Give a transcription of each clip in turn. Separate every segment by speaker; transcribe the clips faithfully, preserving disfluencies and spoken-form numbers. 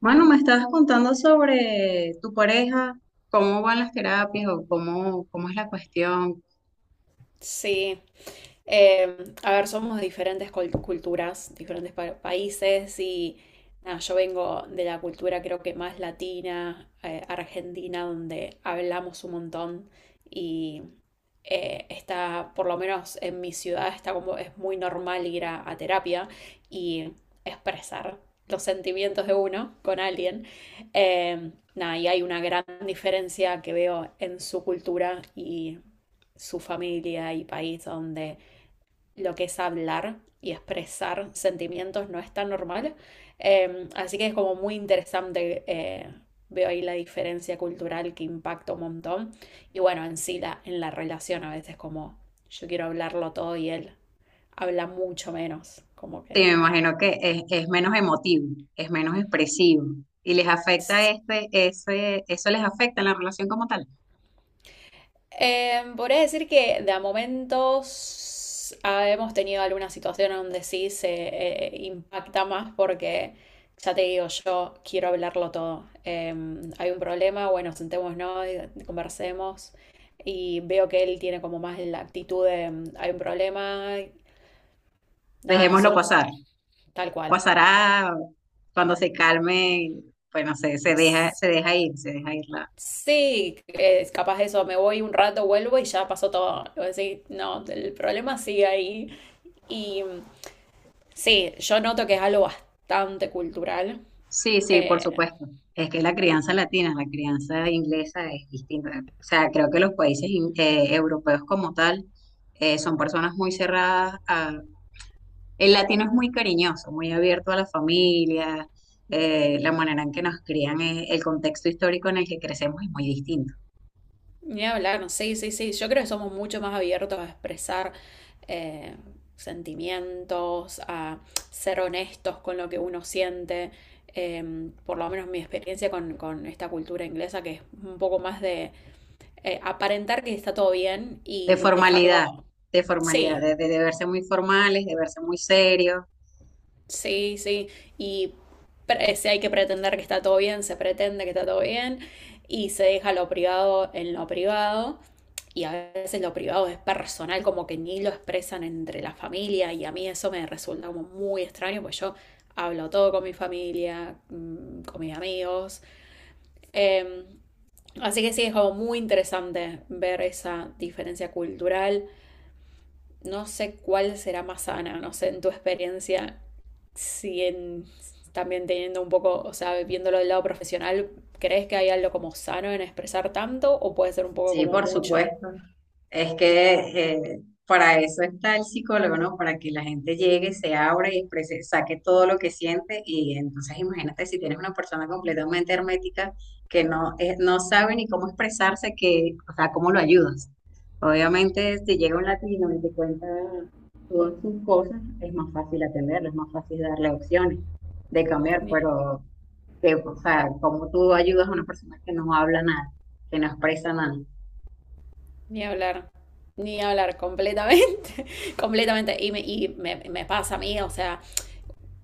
Speaker 1: Bueno, me estabas contando sobre tu pareja, cómo van las terapias o cómo, cómo es la cuestión.
Speaker 2: Sí. Eh, a ver, somos de diferentes col- culturas, diferentes pa- países y nada, yo vengo de la cultura creo que más latina, eh, argentina, donde hablamos un montón y eh, está, por lo menos en mi ciudad, está como es muy normal ir a, a terapia y expresar los sentimientos de uno con alguien. Eh, nada, y hay una gran diferencia que veo en su cultura y su familia y país donde lo que es hablar y expresar sentimientos no es tan normal. Eh, así que es como muy interesante. Eh, veo ahí la diferencia cultural que impacta un montón. Y bueno, en sí, la, en la relación a veces como yo quiero hablarlo todo y él habla mucho menos. Como
Speaker 1: Te
Speaker 2: que
Speaker 1: me imagino que es, es menos emotivo, es menos expresivo y les afecta este, ese, eso les afecta en la relación como tal.
Speaker 2: Eh, podría decir que de a momentos ah, hemos tenido alguna situación donde sí se eh, impacta más porque ya te digo, yo quiero hablarlo todo. Eh, hay un problema, bueno, sentémonos, y conversemos y veo que él tiene como más la actitud de mm, hay un problema, nada,
Speaker 1: Dejémoslo
Speaker 2: solo
Speaker 1: pasar.
Speaker 2: tal cual.
Speaker 1: Pasará cuando se calme, pues no sé, se deja,
Speaker 2: S-
Speaker 1: se deja ir, se deja ir la.
Speaker 2: Sí, es capaz de eso, me voy un rato, vuelvo y ya pasó todo. Voy a decir, no, el problema sigue ahí. Y sí, yo noto que es algo bastante cultural.
Speaker 1: Sí, sí, por
Speaker 2: Eh,
Speaker 1: supuesto. Es que la crianza latina, la crianza inglesa es distinta. O sea, creo que los países in- eh, europeos como tal eh, son personas muy cerradas a... El latino es muy cariñoso, muy abierto a la familia, eh, la manera en que nos crían, eh, el contexto histórico en el que crecemos es muy distinto.
Speaker 2: Ni hablar, no, sí, sí, sí. Yo creo que somos mucho más abiertos a expresar eh, sentimientos, a ser honestos con lo que uno siente. Eh, por lo menos mi experiencia con, con esta cultura inglesa, que es un poco más de eh, aparentar que está todo bien
Speaker 1: De
Speaker 2: y dejarlo.
Speaker 1: formalidad, de formalidad,
Speaker 2: Sí,
Speaker 1: de, de, de verse muy formales, de verse muy serios.
Speaker 2: sí, sí. Y pre- si hay que pretender que está todo bien, se pretende que está todo bien y se deja lo privado en lo privado. Y a veces lo privado es personal, como que ni lo expresan entre la familia y a mí eso me resulta como muy extraño, pues yo hablo todo con mi familia, mm, con mis amigos. Em, Así que sí, es como muy interesante ver esa diferencia cultural, no sé cuál será más sana, no sé en tu experiencia, si en, también teniendo un poco, o sea, viéndolo del lado profesional, ¿crees que hay algo como sano en expresar tanto o puede ser un poco
Speaker 1: Sí,
Speaker 2: como
Speaker 1: por
Speaker 2: mucho?
Speaker 1: supuesto. Es que eh, para eso está el psicólogo, ¿no? Para que la gente llegue, se abra y exprese- saque todo lo que siente. Y entonces imagínate si tienes una persona completamente hermética que no, eh, no sabe ni cómo expresarse, que, o sea, ¿cómo lo ayudas? Obviamente, si llega un latino y te cuenta todas sus cosas, es más fácil atenderlo, es más fácil darle opciones de cambiar,
Speaker 2: Ni,
Speaker 1: pero que, o sea, ¿cómo tú ayudas a una persona que no habla nada, que no expresa nada?
Speaker 2: ni hablar, ni hablar completamente, completamente. Y, me, y me, me pasa a mí, o sea,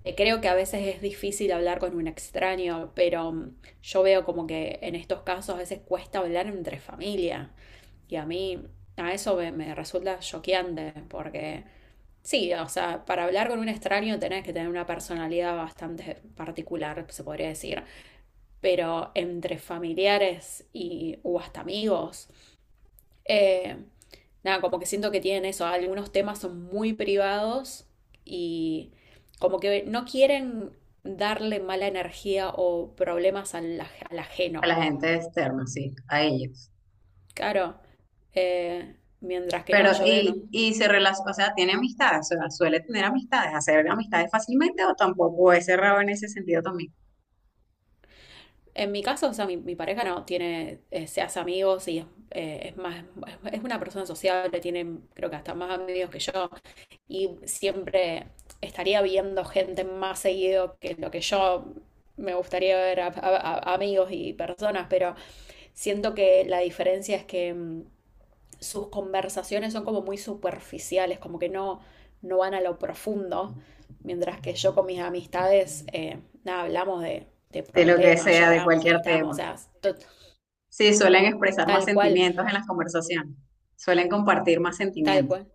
Speaker 2: Eh, creo que a veces es difícil hablar con un extraño, pero mm, yo veo como que en estos casos a veces cuesta hablar entre familia. Y a mí, a eso me, me resulta choqueante, porque sí, o sea, para hablar con un extraño tenés que tener una personalidad bastante particular, se podría decir. Pero entre familiares y, o hasta amigos, eh, nada, como que siento que tienen eso, algunos temas son muy privados y como que no quieren darle mala energía o problemas al, aj- al
Speaker 1: A
Speaker 2: ajeno.
Speaker 1: la gente externa, sí, a ellos.
Speaker 2: Claro, eh, mientras que
Speaker 1: Pero,
Speaker 2: no, yo veo, no.
Speaker 1: y, y se relaciona, o sea, tiene amistades, o sea, suele tener amistades, hacer amistades fácilmente o tampoco es cerrado en ese sentido también,
Speaker 2: En mi caso, o sea, mi, mi pareja no tiene, eh, se hace amigos y es, eh, es más, es una persona sociable, tiene creo que hasta más amigos que yo. Y siempre estaría viendo gente más seguido que lo que yo me gustaría ver a, a- a- amigos y personas, pero siento que la diferencia es que mm, sus conversaciones son como muy superficiales, como que no, no van a lo profundo, mientras que yo con mis amistades, eh, nada, hablamos de, de
Speaker 1: de lo que
Speaker 2: problemas,
Speaker 1: sea, de
Speaker 2: lloramos,
Speaker 1: cualquier
Speaker 2: gritamos, o
Speaker 1: tema.
Speaker 2: sea, to-
Speaker 1: Sí, suelen expresar más
Speaker 2: tal cual,
Speaker 1: sentimientos en las conversaciones, suelen compartir más
Speaker 2: tal
Speaker 1: sentimientos,
Speaker 2: cual.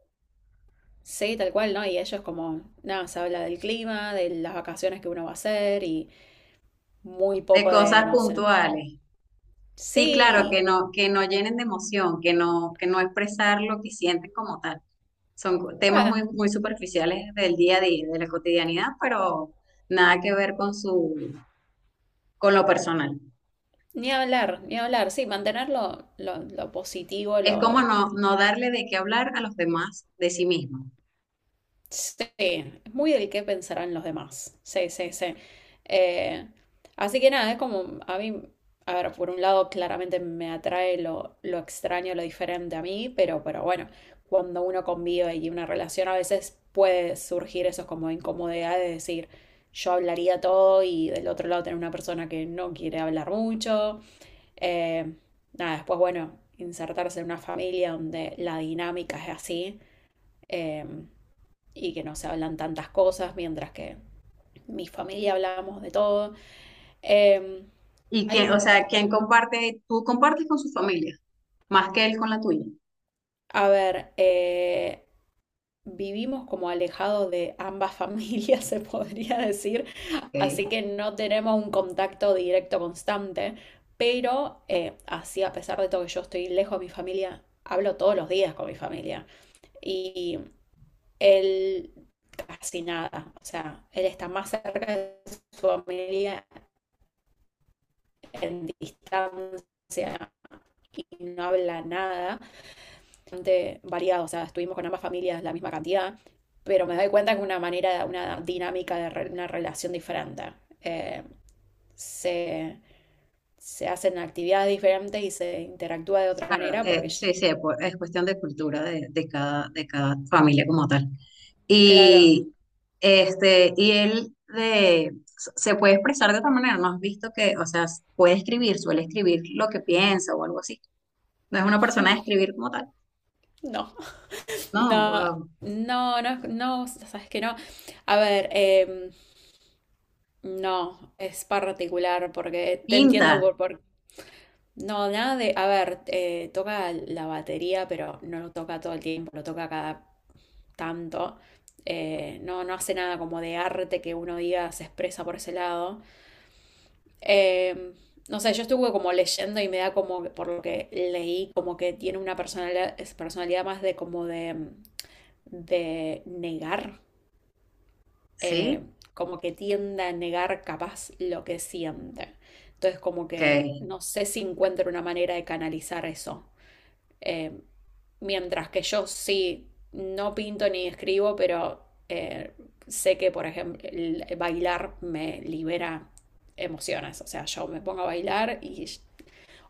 Speaker 2: Sí, tal cual, ¿no? Y ellos como, nada, se habla del clima, de las vacaciones que uno va a hacer y muy
Speaker 1: de
Speaker 2: poco de,
Speaker 1: cosas
Speaker 2: no sé.
Speaker 1: puntuales. Sí, claro,
Speaker 2: Sí,
Speaker 1: que no, que no llenen de emoción, que no, que no expresar lo que sienten como tal. Son co- temas muy,
Speaker 2: ah,
Speaker 1: muy superficiales del día a día, de la cotidianidad, pero nada que ver con su, con lo personal.
Speaker 2: ni hablar, ni hablar. Sí, mantenerlo lo, lo positivo,
Speaker 1: Es
Speaker 2: lo...
Speaker 1: como no, no darle de qué hablar a los demás de sí mismo.
Speaker 2: Sí, es muy del qué pensarán los demás. Sí, sí, sí. Eh, Así que nada, es como a mí, a ver, por un lado claramente me atrae lo, lo extraño, lo diferente a mí, pero, pero bueno, cuando uno convive y una relación a veces puede surgir esos como incomodidades de decir, yo hablaría todo y del otro lado tener una persona que no quiere hablar mucho. Eh, Nada, después, bueno, insertarse en una familia donde la dinámica es así, eh, y que no se hablan tantas cosas, mientras que mi familia hablamos de todo. Eh,
Speaker 1: Y
Speaker 2: hay
Speaker 1: que, o
Speaker 2: un,
Speaker 1: sea, quien comparte, tú compartes con su familia, más que él con la tuya.
Speaker 2: a ver, eh, vivimos como alejados de ambas familias, se podría decir,
Speaker 1: Okay.
Speaker 2: así que no tenemos un contacto directo constante, pero eh, así a pesar de todo que yo estoy lejos de mi familia, hablo todos los días con mi familia y él casi nada. O sea, él está más cerca de su familia en distancia y no habla nada. Bastante variado, o sea, estuvimos con ambas familias la misma cantidad, pero me doy cuenta que una manera, una dinámica de re- una relación diferente. Eh, se, se hacen actividades diferentes y se interactúa de otra
Speaker 1: Claro,
Speaker 2: manera
Speaker 1: eh,
Speaker 2: porque,
Speaker 1: sí, sí, pues, es cuestión de cultura de, de cada, de cada familia como tal.
Speaker 2: claro,
Speaker 1: Y, este, y él de, se puede expresar de otra manera, ¿no has visto que, o sea, puede escribir, suele escribir lo que piensa o algo así? No es una persona de escribir como tal.
Speaker 2: no,
Speaker 1: No,
Speaker 2: no,
Speaker 1: wow.
Speaker 2: no, no, no, sabes que no. A ver, em, no, es particular porque te
Speaker 1: Pinta,
Speaker 2: entiendo por, por... No, nada de... A ver, eh, toca la batería, pero no lo toca todo el tiempo, lo toca cada tanto. Eh, no, no hace nada como de arte que uno diga se expresa por ese lado. Eh, no sé, yo estuve como leyendo y me da como, que por lo que leí, como que tiene una personalidad, es personalidad más de como de, de negar.
Speaker 1: ¿sí?
Speaker 2: eh, Como que tiende a negar capaz lo que siente. Entonces como
Speaker 1: Ok.
Speaker 2: que no sé si encuentro una manera de canalizar eso. Eh, Mientras que yo sí, no pinto ni escribo, pero eh, sé que, por ejemplo, el bailar me libera emociones. O sea, yo me pongo a bailar y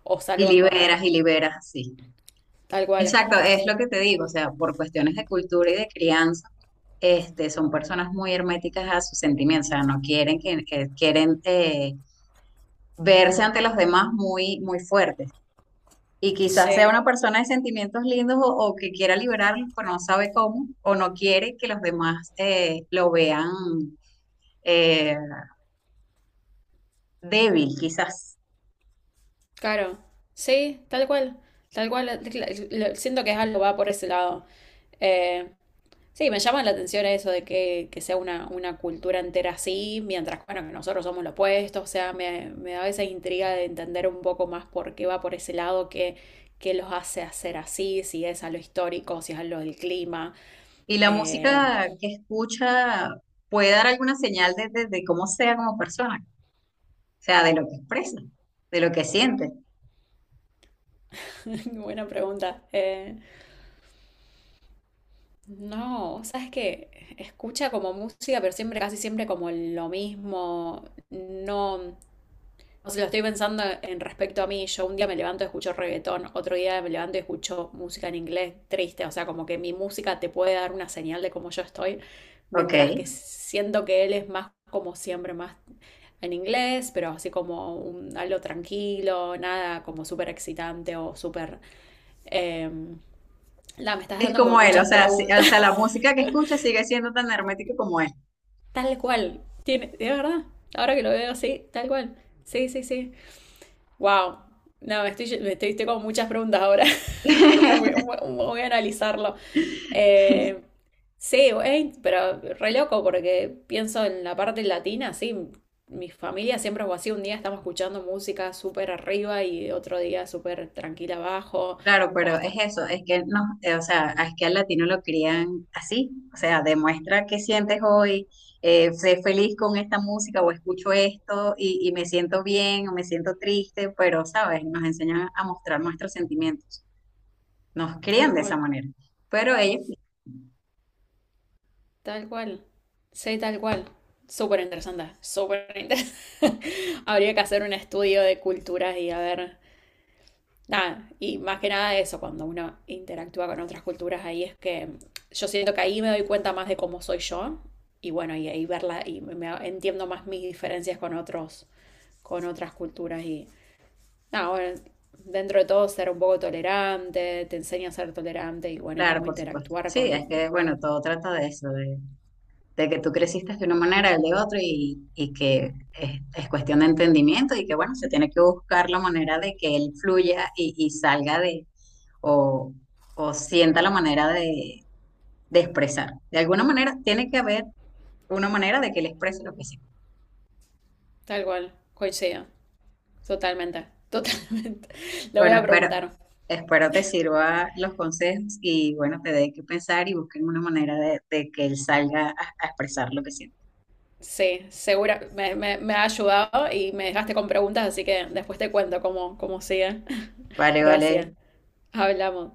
Speaker 2: o
Speaker 1: Y
Speaker 2: salgo a
Speaker 1: liberas
Speaker 2: correr,
Speaker 1: y liberas, sí.
Speaker 2: tal cual.
Speaker 1: Exacto, es lo que te digo, o sea, por cuestiones de cultura y de crianza, este, son personas muy herméticas a sus sentimientos, o sea, no quieren que, que- quieren eh, verse ante los demás muy, muy fuertes. Y quizás sea
Speaker 2: Sí.
Speaker 1: una persona de sentimientos lindos o, o que quiera liberarlos, pero no sabe cómo, o no quiere que los demás eh, lo vean eh, débil, quizás.
Speaker 2: Claro, sí, tal cual, tal cual, la- la- la- siento que es algo va por ese lado. Eh, sí, me llama la atención eso de que, que sea una, una cultura entera así, mientras, bueno, que nosotros somos lo opuesto, o sea, me, me da esa intriga de entender un poco más por qué va por ese lado, qué, qué los hace hacer así, si es a lo histórico, si es a lo del clima.
Speaker 1: Y la
Speaker 2: Eh,
Speaker 1: música que escucha puede dar alguna señal de, de de cómo sea como persona. Sea, de lo que expresa, de lo que siente.
Speaker 2: buena pregunta. Eh, No, sabes que escucha como música, pero siempre, casi siempre como lo mismo. No, o sea, lo estoy pensando en respecto a mí. Yo un día me levanto y escucho reggaetón, otro día me levanto y escucho música en inglés triste. O sea, como que mi música te puede dar una señal de cómo yo estoy,
Speaker 1: Ok.
Speaker 2: mientras que siento que él es más como siempre, más en inglés, pero así como un- algo tranquilo, nada como súper excitante o súper... em, la, me estás
Speaker 1: Es
Speaker 2: dando como
Speaker 1: como él, o
Speaker 2: muchas
Speaker 1: sea, si- o
Speaker 2: preguntas.
Speaker 1: sea, la música que escucha sigue siendo tan hermética como él.
Speaker 2: Tal cual. Tiene, de verdad. Ahora que lo veo, sí, tal cual. Sí, sí, sí. Wow. No, me estoy, me estoy, estoy con muchas preguntas ahora. Voy, voy- voy a analizarlo. Eh, sí, güey, pero re loco porque pienso en la parte latina, sí. Mi familia siempre fue así. Un día estamos escuchando música súper arriba y otro día súper tranquila abajo.
Speaker 1: Claro,
Speaker 2: O
Speaker 1: pero es
Speaker 2: hasta
Speaker 1: eso, es que no, eh, o sea, es que al latino lo crían así, o sea, demuestra qué sientes hoy, eh, sé feliz con esta música o escucho esto y, y me siento bien o me siento triste, pero, ¿sabes? Nos enseñan a mostrar nuestros sentimientos, nos
Speaker 2: tal
Speaker 1: crían de esa
Speaker 2: cual.
Speaker 1: manera, pero ellos,
Speaker 2: Tal cual. Sí, tal cual. Súper interesante, súper interesante. Habría que hacer un estudio de culturas y a ver, nada, y más que nada eso, cuando uno interactúa con otras culturas, ahí es que yo siento que ahí me doy cuenta más de cómo soy yo y bueno, y ahí verla y me, me- entiendo más mis diferencias con otros, con otras culturas y nada, bueno, dentro de todo ser un poco tolerante, te enseña a ser tolerante y bueno, y
Speaker 1: claro,
Speaker 2: cómo
Speaker 1: por supuesto,
Speaker 2: interactuar
Speaker 1: sí,
Speaker 2: con
Speaker 1: es que, bueno, todo trata de eso, de que tú creciste de una manera, él de otra, y, y que es, es cuestión de entendimiento y que, bueno, se tiene que buscar la manera de que él fluya y, y salga de, o, o sienta la manera de, de expresar. De alguna manera, tiene que haber una manera de que él exprese lo que siente.
Speaker 2: tal cual, coincido. Totalmente, totalmente. Lo voy
Speaker 1: Bueno,
Speaker 2: a
Speaker 1: espero,
Speaker 2: preguntar.
Speaker 1: espero te sirva los consejos y, bueno, te dé que pensar y busquen una manera de, de que él salga a, a expresar lo que siente.
Speaker 2: Sí, segura, me, me- me ha ayudado y me dejaste con preguntas, así que después te cuento cómo, cómo sigue.
Speaker 1: Vale, vale.
Speaker 2: Gracias. Hablamos.